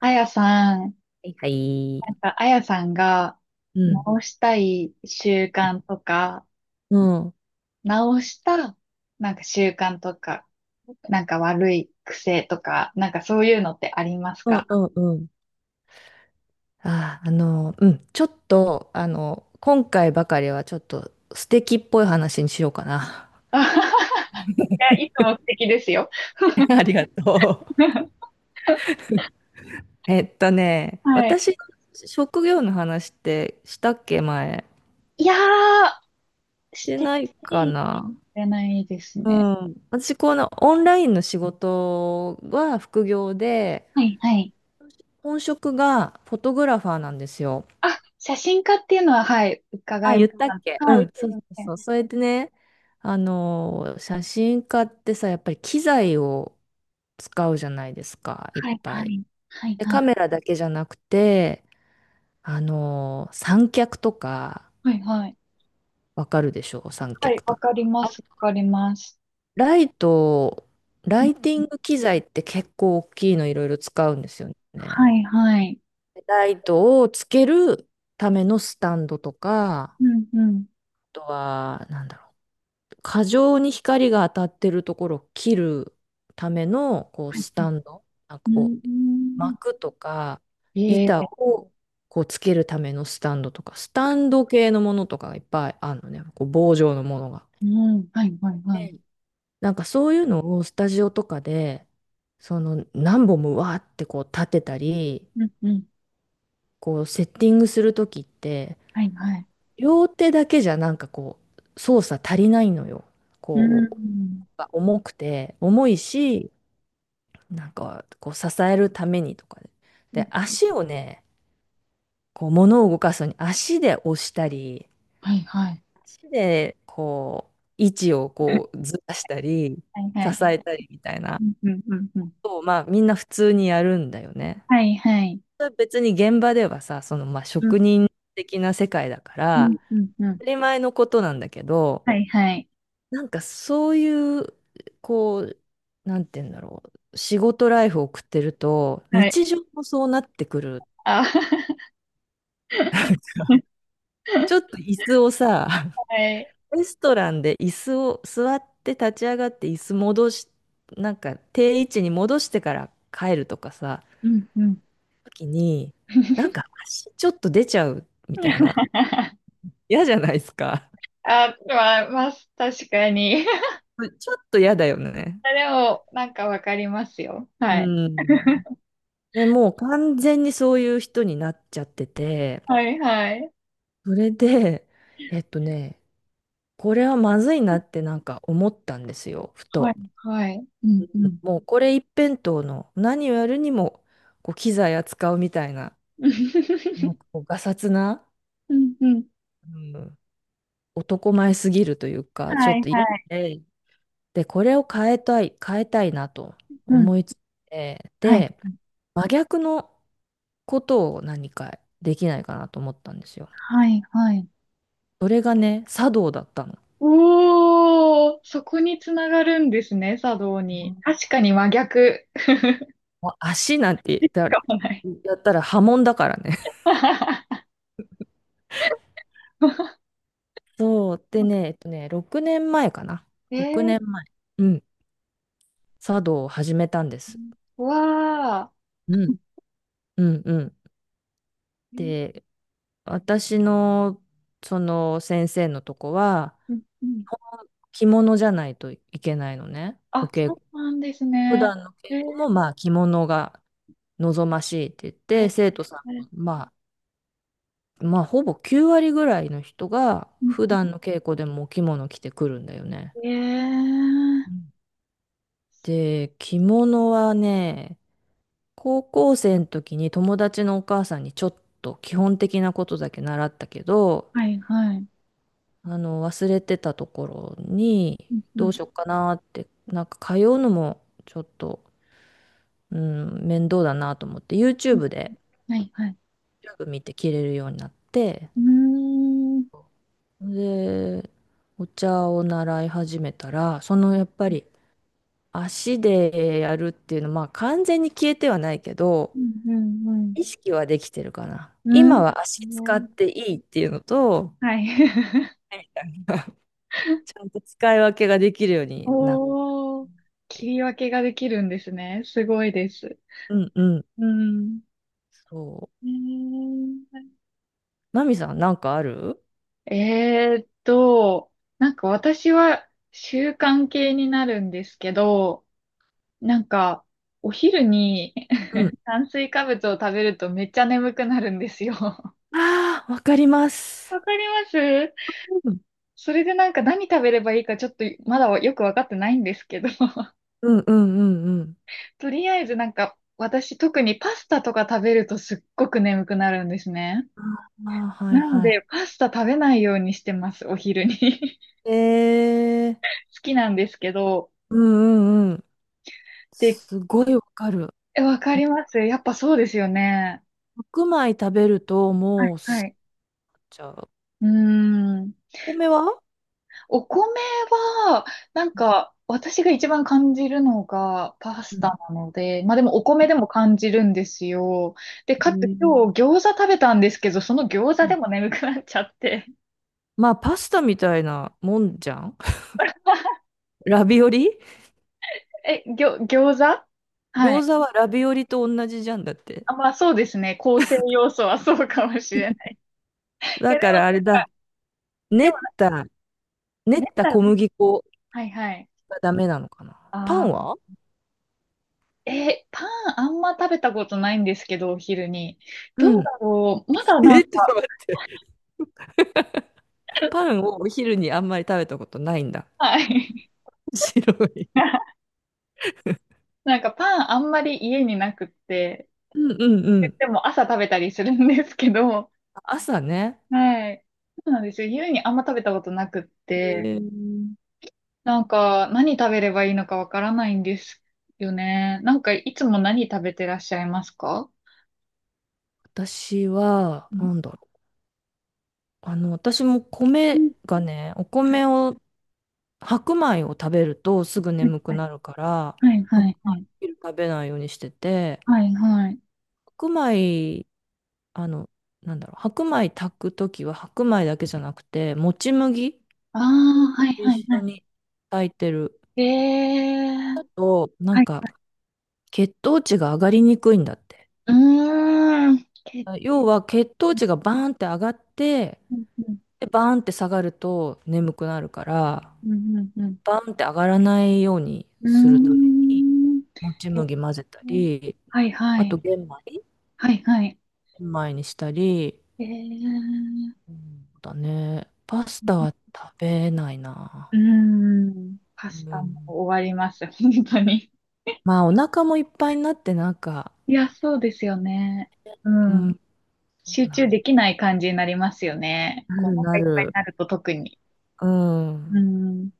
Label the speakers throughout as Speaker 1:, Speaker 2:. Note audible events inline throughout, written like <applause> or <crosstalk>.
Speaker 1: あやさん、
Speaker 2: いはい。
Speaker 1: なんか、あやさんが
Speaker 2: うん。
Speaker 1: 直したい習慣とか、
Speaker 2: うん。
Speaker 1: 直した、なんか習慣とか、なんか悪い癖とか、なんかそういうのってあります
Speaker 2: う
Speaker 1: か？
Speaker 2: んうんうん。うん、ちょっと、今回ばかりはちょっと素敵っぽい話にしようかな。
Speaker 1: あはは。 <laughs> いや、いつも素敵ですよ。
Speaker 2: <laughs> ありがとう。
Speaker 1: <laughs> はい。
Speaker 2: 私の職業の話ってしたっけ、前。
Speaker 1: いやー、
Speaker 2: し
Speaker 1: し
Speaker 2: て
Speaker 1: て
Speaker 2: ない
Speaker 1: な
Speaker 2: か
Speaker 1: い
Speaker 2: な。
Speaker 1: じゃないです
Speaker 2: う
Speaker 1: ね。
Speaker 2: ん。私、このオンラインの仕事は副業で、
Speaker 1: はいはい。
Speaker 2: 本職がフォトグラファーなんですよ。
Speaker 1: あ、写真家っていうのは、はい、伺
Speaker 2: あ、
Speaker 1: いま
Speaker 2: 言
Speaker 1: し
Speaker 2: ったっけ、
Speaker 1: た。
Speaker 2: う
Speaker 1: はい、す
Speaker 2: ん、そう
Speaker 1: い
Speaker 2: そ
Speaker 1: ま
Speaker 2: う
Speaker 1: せん。
Speaker 2: そう。それでね、写真家ってさ、やっぱり機材を使うじゃないですか、いっ
Speaker 1: はい
Speaker 2: ぱ
Speaker 1: は
Speaker 2: い。
Speaker 1: い。はい
Speaker 2: で、
Speaker 1: は
Speaker 2: カ
Speaker 1: い。
Speaker 2: メラだけじゃなくて、三脚とか、
Speaker 1: はいはい。
Speaker 2: わかるでしょう、三
Speaker 1: はい、
Speaker 2: 脚と
Speaker 1: わ
Speaker 2: か。
Speaker 1: かりま
Speaker 2: あ、
Speaker 1: す、わかります。
Speaker 2: ライト、ライティング機材って結構大きいのいろいろ使うんですよ
Speaker 1: は
Speaker 2: ね。
Speaker 1: い、はい。
Speaker 2: ライトをつけるためのスタンドとか、あ
Speaker 1: うん、うん。
Speaker 2: とは、なんだろう、過剰に光が当たってるところを切るためのこう
Speaker 1: はい、
Speaker 2: ス
Speaker 1: は
Speaker 2: タ
Speaker 1: い。
Speaker 2: ンド、なん
Speaker 1: う
Speaker 2: かこう
Speaker 1: ん。
Speaker 2: 幕とか
Speaker 1: え
Speaker 2: 板
Speaker 1: え、
Speaker 2: をこうつけるためのスタンドとか、スタンド系のものとかがいっぱいあるのね、こう棒状のものが。
Speaker 1: うん。はい、はい、はい。
Speaker 2: で、なんかそういうのをスタジオとかで、その何本もわーってこう立てたり
Speaker 1: うん、うん。
Speaker 2: こうセッティングする時って、
Speaker 1: はい、はい。
Speaker 2: 両手だけじゃなんかこう操作足りないのよ。
Speaker 1: う
Speaker 2: こう
Speaker 1: ん。
Speaker 2: 重くて重いし、なんか、こう、支えるためにとかで。
Speaker 1: うん。
Speaker 2: で、足をね、こう、物を動かすのに足で押したり、
Speaker 1: はい、はい。
Speaker 2: 足で、こう、位置をこう、ずらしたり、
Speaker 1: はい、は
Speaker 2: 支
Speaker 1: い。
Speaker 2: えたりみたいな
Speaker 1: うん、うん、うん、う
Speaker 2: こ
Speaker 1: ん。
Speaker 2: とを、まあ、みんな普通にやるんだよね。
Speaker 1: はい、はい。
Speaker 2: それは別に現場ではさ、その、まあ、
Speaker 1: うん、
Speaker 2: 職人的な世界だか
Speaker 1: うん、
Speaker 2: ら、
Speaker 1: うん、うん。
Speaker 2: 当たり前のことなんだけど、
Speaker 1: はい、はい。
Speaker 2: なんかそういう、こう、なんて言うんだろう。仕事ライフを送ってると、
Speaker 1: はい。
Speaker 2: 日常もそうなってくる。
Speaker 1: あ、<laughs>
Speaker 2: ちょっと椅子をさ、
Speaker 1: はい。
Speaker 2: レストランで椅子を座って立ち上がって椅子戻し、なんか定位置に戻してから帰るとかさ、
Speaker 1: うん、うん。
Speaker 2: 時に、なんか足ちょっと出ちゃうみたいな。
Speaker 1: <laughs>
Speaker 2: 嫌じゃないですか。
Speaker 1: あ、まあ、まあ、確かに。<laughs>
Speaker 2: ちょっと嫌だよね。
Speaker 1: でも、なんかわかりますよ。
Speaker 2: う
Speaker 1: はい。
Speaker 2: ん。で、もう完全にそういう人になっちゃってて、
Speaker 1: はいはい。
Speaker 2: それで、えっとね、これはまずいなってなんか思ったんですよ、ふ
Speaker 1: はい
Speaker 2: と。
Speaker 1: はい。うんうん。
Speaker 2: もうこれ一辺倒の、何をやるにもこう機材扱うみたいな、なんか
Speaker 1: <laughs>
Speaker 2: こうがさつな、
Speaker 1: うんうん。
Speaker 2: うん、男前すぎるというか、ちょ
Speaker 1: は
Speaker 2: っ
Speaker 1: い
Speaker 2: と
Speaker 1: は
Speaker 2: 嫌
Speaker 1: い。
Speaker 2: で、で、これを変えたい、変えたいなと
Speaker 1: うん。
Speaker 2: 思いついて、
Speaker 1: はい。
Speaker 2: で、真逆のことを何かできないかなと思ったんですよ。
Speaker 1: はいはい。
Speaker 2: それがね、茶道だったの。
Speaker 1: おー、そこにつながるんですね、茶道
Speaker 2: う
Speaker 1: に。
Speaker 2: ん、
Speaker 1: 確かに真逆。<laughs>
Speaker 2: もう足なんて言っ
Speaker 1: 使
Speaker 2: たら、
Speaker 1: かもない。
Speaker 2: やったら波紋だからね。
Speaker 1: <laughs>
Speaker 2: そう。でね、6年前かな。6年
Speaker 1: え
Speaker 2: 前。うん、茶道を始めたんです。
Speaker 1: ー、わ
Speaker 2: うん。うんうん。
Speaker 1: ー。
Speaker 2: で、私のその先生のとこは
Speaker 1: うんうん。
Speaker 2: 着物じゃないといけないのね。お
Speaker 1: あ、
Speaker 2: 稽
Speaker 1: そ
Speaker 2: 古。
Speaker 1: うなんです
Speaker 2: 普
Speaker 1: ね。
Speaker 2: 段の
Speaker 1: え
Speaker 2: 稽古も
Speaker 1: ー、
Speaker 2: まあ着物が望ましいって言っ
Speaker 1: え
Speaker 2: て、
Speaker 1: ー、
Speaker 2: 生徒さんもまあほぼ9割ぐらいの人が
Speaker 1: うん、
Speaker 2: 普段の稽古でもお着物着てくるんだよね。
Speaker 1: えー、
Speaker 2: うん、で、着物はね、高校生の時に友達のお母さんにちょっと基本的なことだけ習ったけど、
Speaker 1: はいはい。
Speaker 2: 忘れてたところに、
Speaker 1: うんう
Speaker 2: ど
Speaker 1: ん。
Speaker 2: うしよっかなって、なんか通うのもちょっと、うん、面倒だなと思って、
Speaker 1: うん、 はいはい。
Speaker 2: YouTube 見て着れるようになって、
Speaker 1: うーん。
Speaker 2: で、お茶を習い始めたら、そのやっぱり足でやるっていうのは、まあ完全に消えてはないけ
Speaker 1: う
Speaker 2: ど、
Speaker 1: んうん
Speaker 2: 意識はできてるかな。
Speaker 1: う
Speaker 2: 今
Speaker 1: ん。
Speaker 2: は
Speaker 1: う
Speaker 2: 足使っ
Speaker 1: ん。ね、
Speaker 2: ていいっていうのと、
Speaker 1: はい。
Speaker 2: みたいな。 <laughs> ち
Speaker 1: <laughs>
Speaker 2: ゃんと使い分けができるようになっ
Speaker 1: おー、
Speaker 2: て
Speaker 1: 切
Speaker 2: いる。
Speaker 1: り分けができるんですね。すごいです。
Speaker 2: うんうん。
Speaker 1: うん。
Speaker 2: そう。
Speaker 1: え
Speaker 2: マミさん、なんかある？
Speaker 1: ー、えーっと、なんか私は習慣系になるんですけど、なんかお昼に
Speaker 2: うん。
Speaker 1: <laughs> 炭水化物を食べるとめっちゃ眠くなるんですよ。わ
Speaker 2: ああー、わかります。
Speaker 1: かります。
Speaker 2: うん
Speaker 1: それでなんか何食べればいいかちょっとまだよくわかってないんですけど、
Speaker 2: うんうんうんうん。
Speaker 1: とりあえずなんか、私特にパスタとか食べるとすっごく眠くなるんですね。
Speaker 2: ああ、はい
Speaker 1: なの
Speaker 2: は
Speaker 1: で、パスタ食べないようにしてます、お昼に。<laughs>
Speaker 2: い。えー、
Speaker 1: 好きなんですけど。
Speaker 2: うんうんうん。
Speaker 1: で、
Speaker 2: すごいわかる。
Speaker 1: え、わか
Speaker 2: あ
Speaker 1: り
Speaker 2: と
Speaker 1: ます。やっぱそうですよね。
Speaker 2: 白米食べると、
Speaker 1: は
Speaker 2: も
Speaker 1: い、
Speaker 2: う
Speaker 1: は
Speaker 2: す、
Speaker 1: い。
Speaker 2: じゃあ、
Speaker 1: うーん。
Speaker 2: お米は、
Speaker 1: お米は、なんか、私が一番感じるのがパ
Speaker 2: う
Speaker 1: スタ
Speaker 2: ん
Speaker 1: なので、まあでもお米でも感じるんですよ。で、
Speaker 2: う
Speaker 1: かつ
Speaker 2: ん、
Speaker 1: 今日餃子食べたんですけど、その餃子でも眠くなっちゃって。
Speaker 2: まあ、パスタみたいなもんじゃん。 <laughs> ラビオリ。
Speaker 1: え、ぎょ、餃子。はい。
Speaker 2: 餃子はラビオリと同じじゃんだって。
Speaker 1: あ、まあそうですね。構成要素はそうかもしれない。い
Speaker 2: だ
Speaker 1: や、で
Speaker 2: か
Speaker 1: もなん
Speaker 2: らあれだ、
Speaker 1: か、
Speaker 2: 練
Speaker 1: でも
Speaker 2: っ
Speaker 1: なんか、
Speaker 2: た、練
Speaker 1: 練っ
Speaker 2: った
Speaker 1: たら、
Speaker 2: 小麦粉
Speaker 1: はいはい。
Speaker 2: がダメなのかな。パン
Speaker 1: あ
Speaker 2: は、
Speaker 1: ー、え、パンあんま食べたことないんですけど、お昼に。ど
Speaker 2: う
Speaker 1: うだ
Speaker 2: ん。
Speaker 1: ろう。まだ
Speaker 2: <laughs>
Speaker 1: なん
Speaker 2: え、
Speaker 1: か、
Speaker 2: ちょっと待って。パンをお昼にあんまり食べたことないんだ。
Speaker 1: はい。
Speaker 2: <laughs> 白い。
Speaker 1: <laughs> なんかパンあんまり家になくって、
Speaker 2: うんうんうん。
Speaker 1: でも朝食べたりするんですけど、
Speaker 2: 朝ね。
Speaker 1: はい。そうなんですよ。家にあんま食べたことなくって、
Speaker 2: えー、
Speaker 1: なんか、何食べればいいのかわからないんですよね。なんか、いつも何食べてらっしゃいますか？
Speaker 2: 私は、
Speaker 1: うん
Speaker 2: なんだろう。私も
Speaker 1: う
Speaker 2: 米
Speaker 1: ん、
Speaker 2: がね、お米を、白米を食べるとすぐ眠くなるから、
Speaker 1: はいは
Speaker 2: 白
Speaker 1: いはい。
Speaker 2: 米食べないようにしてて、
Speaker 1: はいはい。
Speaker 2: 白米、あの、なんだろう、白米炊くときは白米だけじゃなくて、もち麦
Speaker 1: ああー、はい
Speaker 2: 一
Speaker 1: はい
Speaker 2: 緒
Speaker 1: は
Speaker 2: に炊いてる
Speaker 1: い。えー。
Speaker 2: と、なん
Speaker 1: はい
Speaker 2: か、
Speaker 1: はい。
Speaker 2: 血糖値が上がりにくいんだって。
Speaker 1: うーん。け、
Speaker 2: 要は血糖値がバーンって上がって、
Speaker 1: うん
Speaker 2: で、バーンって下がると眠くなるから、
Speaker 1: うんうんうん。
Speaker 2: バーンって上がらないように
Speaker 1: う
Speaker 2: するために、
Speaker 1: ん、う
Speaker 2: もち
Speaker 1: ーん。えー、
Speaker 2: 麦混ぜたり、
Speaker 1: はいは
Speaker 2: あと
Speaker 1: い。
Speaker 2: 玄米、
Speaker 1: はいはい。
Speaker 2: 玄米にしたり、
Speaker 1: えー。
Speaker 2: うん、そうだね。パスタは食べない
Speaker 1: う
Speaker 2: な。
Speaker 1: ーん。パ
Speaker 2: う
Speaker 1: スタも
Speaker 2: ん。
Speaker 1: 終わります。本当に。
Speaker 2: まあ、お腹もいっぱいになって、なんか、
Speaker 1: いや、そうですよね。う
Speaker 2: う
Speaker 1: ん。
Speaker 2: ん、そ
Speaker 1: 集
Speaker 2: うな
Speaker 1: 中できない感じになりますよね。こ
Speaker 2: る、
Speaker 1: う、お腹
Speaker 2: な
Speaker 1: い
Speaker 2: る
Speaker 1: っぱい
Speaker 2: な
Speaker 1: に
Speaker 2: る。
Speaker 1: なると特に。
Speaker 2: うん。
Speaker 1: うん。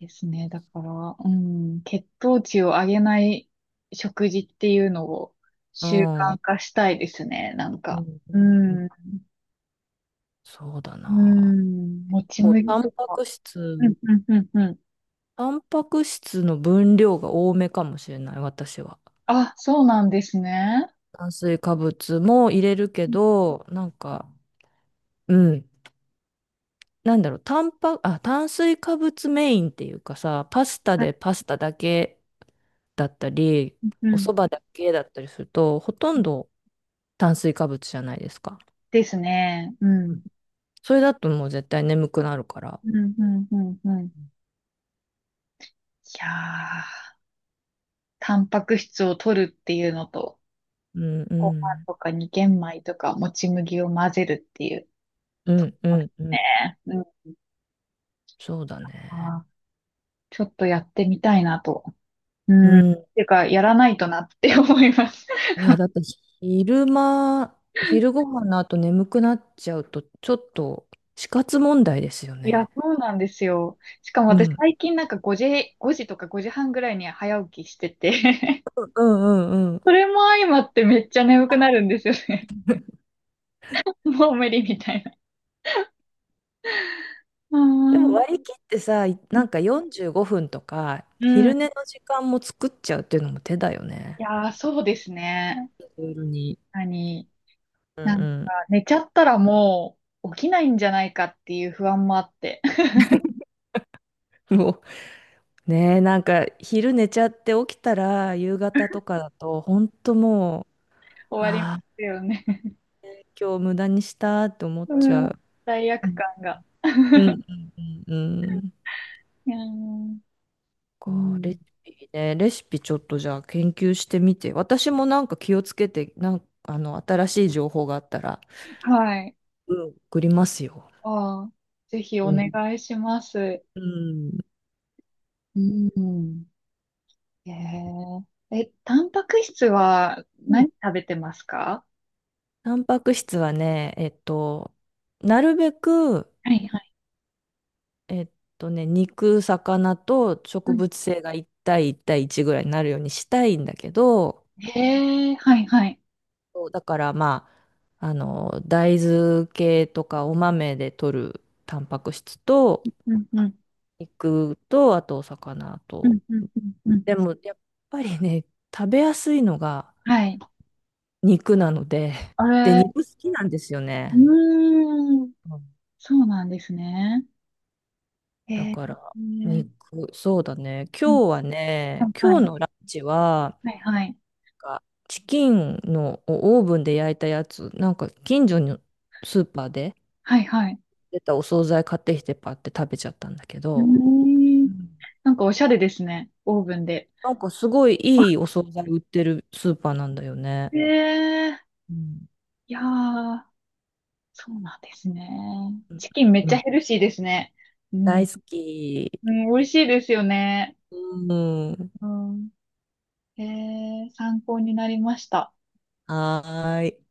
Speaker 1: ですね。だから、うん。血糖値を上げない食事っていうのを
Speaker 2: う
Speaker 1: 習慣
Speaker 2: ん
Speaker 1: 化したいですね。なん
Speaker 2: うん
Speaker 1: か。う
Speaker 2: うん、
Speaker 1: ん。
Speaker 2: そうだ
Speaker 1: う
Speaker 2: な。
Speaker 1: ん。もち
Speaker 2: 構
Speaker 1: 麦
Speaker 2: タン
Speaker 1: と
Speaker 2: パ
Speaker 1: か。
Speaker 2: ク
Speaker 1: うん、
Speaker 2: 質、
Speaker 1: うん、うん、うん。
Speaker 2: タンパク質の分量が多めかもしれない、私は。
Speaker 1: あ、そうなんですね。
Speaker 2: 炭水化物も入れるけ
Speaker 1: うん
Speaker 2: ど、なんか、うん。なんだろう、タンパ、あ、炭水化物メインっていうかさ、パスタだけだったり、
Speaker 1: う
Speaker 2: お
Speaker 1: ん。
Speaker 2: 蕎麦だけだったりすると、ほとんど炭水化物じゃないですか。
Speaker 1: ですね。う
Speaker 2: うん、
Speaker 1: ん。
Speaker 2: それだともう絶対眠くなるから。
Speaker 1: うん、うん、うん、うん。いやー。タンパク質を取るっていうのと、
Speaker 2: うんう
Speaker 1: ご飯
Speaker 2: ん。
Speaker 1: とかに玄米とかもち麦を混ぜるっていう
Speaker 2: うんう
Speaker 1: わけで
Speaker 2: んう
Speaker 1: す
Speaker 2: ん。
Speaker 1: ね。うん。
Speaker 2: そうだね。
Speaker 1: あー、ちょっとやってみたいなと。う
Speaker 2: う
Speaker 1: ん。っ
Speaker 2: ん。
Speaker 1: ていうか、やらないとなって思います。<laughs>
Speaker 2: いや、だって昼間、昼ご飯の後眠くなっちゃうと、ちょっと死活問題ですよ
Speaker 1: いや、
Speaker 2: ね。
Speaker 1: そうなんですよ。しかも
Speaker 2: う
Speaker 1: 私
Speaker 2: ん。
Speaker 1: 最近なんか5時、5時とか5時半ぐらいに早起きしてて <laughs>
Speaker 2: うんうんうん。
Speaker 1: それも相まってめっちゃ眠くなるんですよね。<laughs> もう無理みたいな。うー
Speaker 2: でも
Speaker 1: ん。
Speaker 2: 割り切ってさ、なんか45分とか、
Speaker 1: うん。
Speaker 2: 昼寝
Speaker 1: い
Speaker 2: の時間も作っちゃうっていうのも手だよね。
Speaker 1: やー、そうですね。
Speaker 2: 夜に。
Speaker 1: 何、
Speaker 2: う
Speaker 1: なんか、
Speaker 2: ん
Speaker 1: 寝ちゃったらもう起きないんじゃないかっていう不安もあって、<laughs>
Speaker 2: うん。もう、ねえ、なんか昼寝ちゃって起きたら、夕方とかだと、ほんともう、
Speaker 1: 終わりま
Speaker 2: ああ、
Speaker 1: すよね。
Speaker 2: 今日無駄にしたって思っ
Speaker 1: う
Speaker 2: ちゃ
Speaker 1: ん、
Speaker 2: う。
Speaker 1: 罪
Speaker 2: う
Speaker 1: 悪
Speaker 2: ん
Speaker 1: 感が。
Speaker 2: うんうんうんうん。
Speaker 1: うん、う
Speaker 2: レ
Speaker 1: ん。
Speaker 2: シピね、レシピちょっとじゃあ研究してみて、私もなんか気をつけて、なんか新しい情報があったら、
Speaker 1: はい。
Speaker 2: うん、送りますよ。
Speaker 1: ああ、ぜひ
Speaker 2: う
Speaker 1: お
Speaker 2: ん。
Speaker 1: 願いします。
Speaker 2: うん。
Speaker 1: うん。えー、え、タンパク質は
Speaker 2: うん、
Speaker 1: 何食べてますか？
Speaker 2: タンパク質はね、なるべく、
Speaker 1: はいはい。
Speaker 2: えっ肉、魚と
Speaker 1: う
Speaker 2: 植
Speaker 1: ん。
Speaker 2: 物性が1対1対1ぐらいになるようにしたいんだけど、
Speaker 1: へえ、はいはい。
Speaker 2: そうだから、まあ、大豆系とかお豆で摂るタンパク質と、
Speaker 1: うんうん。
Speaker 2: 肉と、あとお魚
Speaker 1: うん
Speaker 2: と。
Speaker 1: うんうんうん。
Speaker 2: でも、やっぱりね、食べやすいのが
Speaker 1: はい。
Speaker 2: 肉なので、
Speaker 1: あ
Speaker 2: <laughs> で、
Speaker 1: れ、
Speaker 2: 肉好きなんですよ
Speaker 1: う
Speaker 2: ね。
Speaker 1: ーん、
Speaker 2: うん、
Speaker 1: そうなんですね。へ
Speaker 2: だか
Speaker 1: え、
Speaker 2: ら、肉、そうだね。
Speaker 1: うん、
Speaker 2: 今日は
Speaker 1: は
Speaker 2: ね、
Speaker 1: いは
Speaker 2: 今
Speaker 1: い。
Speaker 2: 日のランチは、
Speaker 1: はいはい。
Speaker 2: なんかチキンのオーブンで焼いたやつ、なんか近所のスーパーで
Speaker 1: はいはい。
Speaker 2: 出たお惣菜買ってきてパって食べちゃったんだけ
Speaker 1: うー
Speaker 2: ど、う
Speaker 1: ん。
Speaker 2: ん、
Speaker 1: なんかおしゃれですね。オーブンで。
Speaker 2: なんかすごいいいお惣菜売ってるスーパーなんだよね。
Speaker 1: ええ、
Speaker 2: うん。
Speaker 1: いやー、そうなんですね。チキンめっ
Speaker 2: う
Speaker 1: ちゃ
Speaker 2: ん、
Speaker 1: ヘルシーですね。うん。
Speaker 2: 大好き。
Speaker 1: うん、美味しいですよね。
Speaker 2: うん。
Speaker 1: うん。ええ、参考になりました。
Speaker 2: はーい。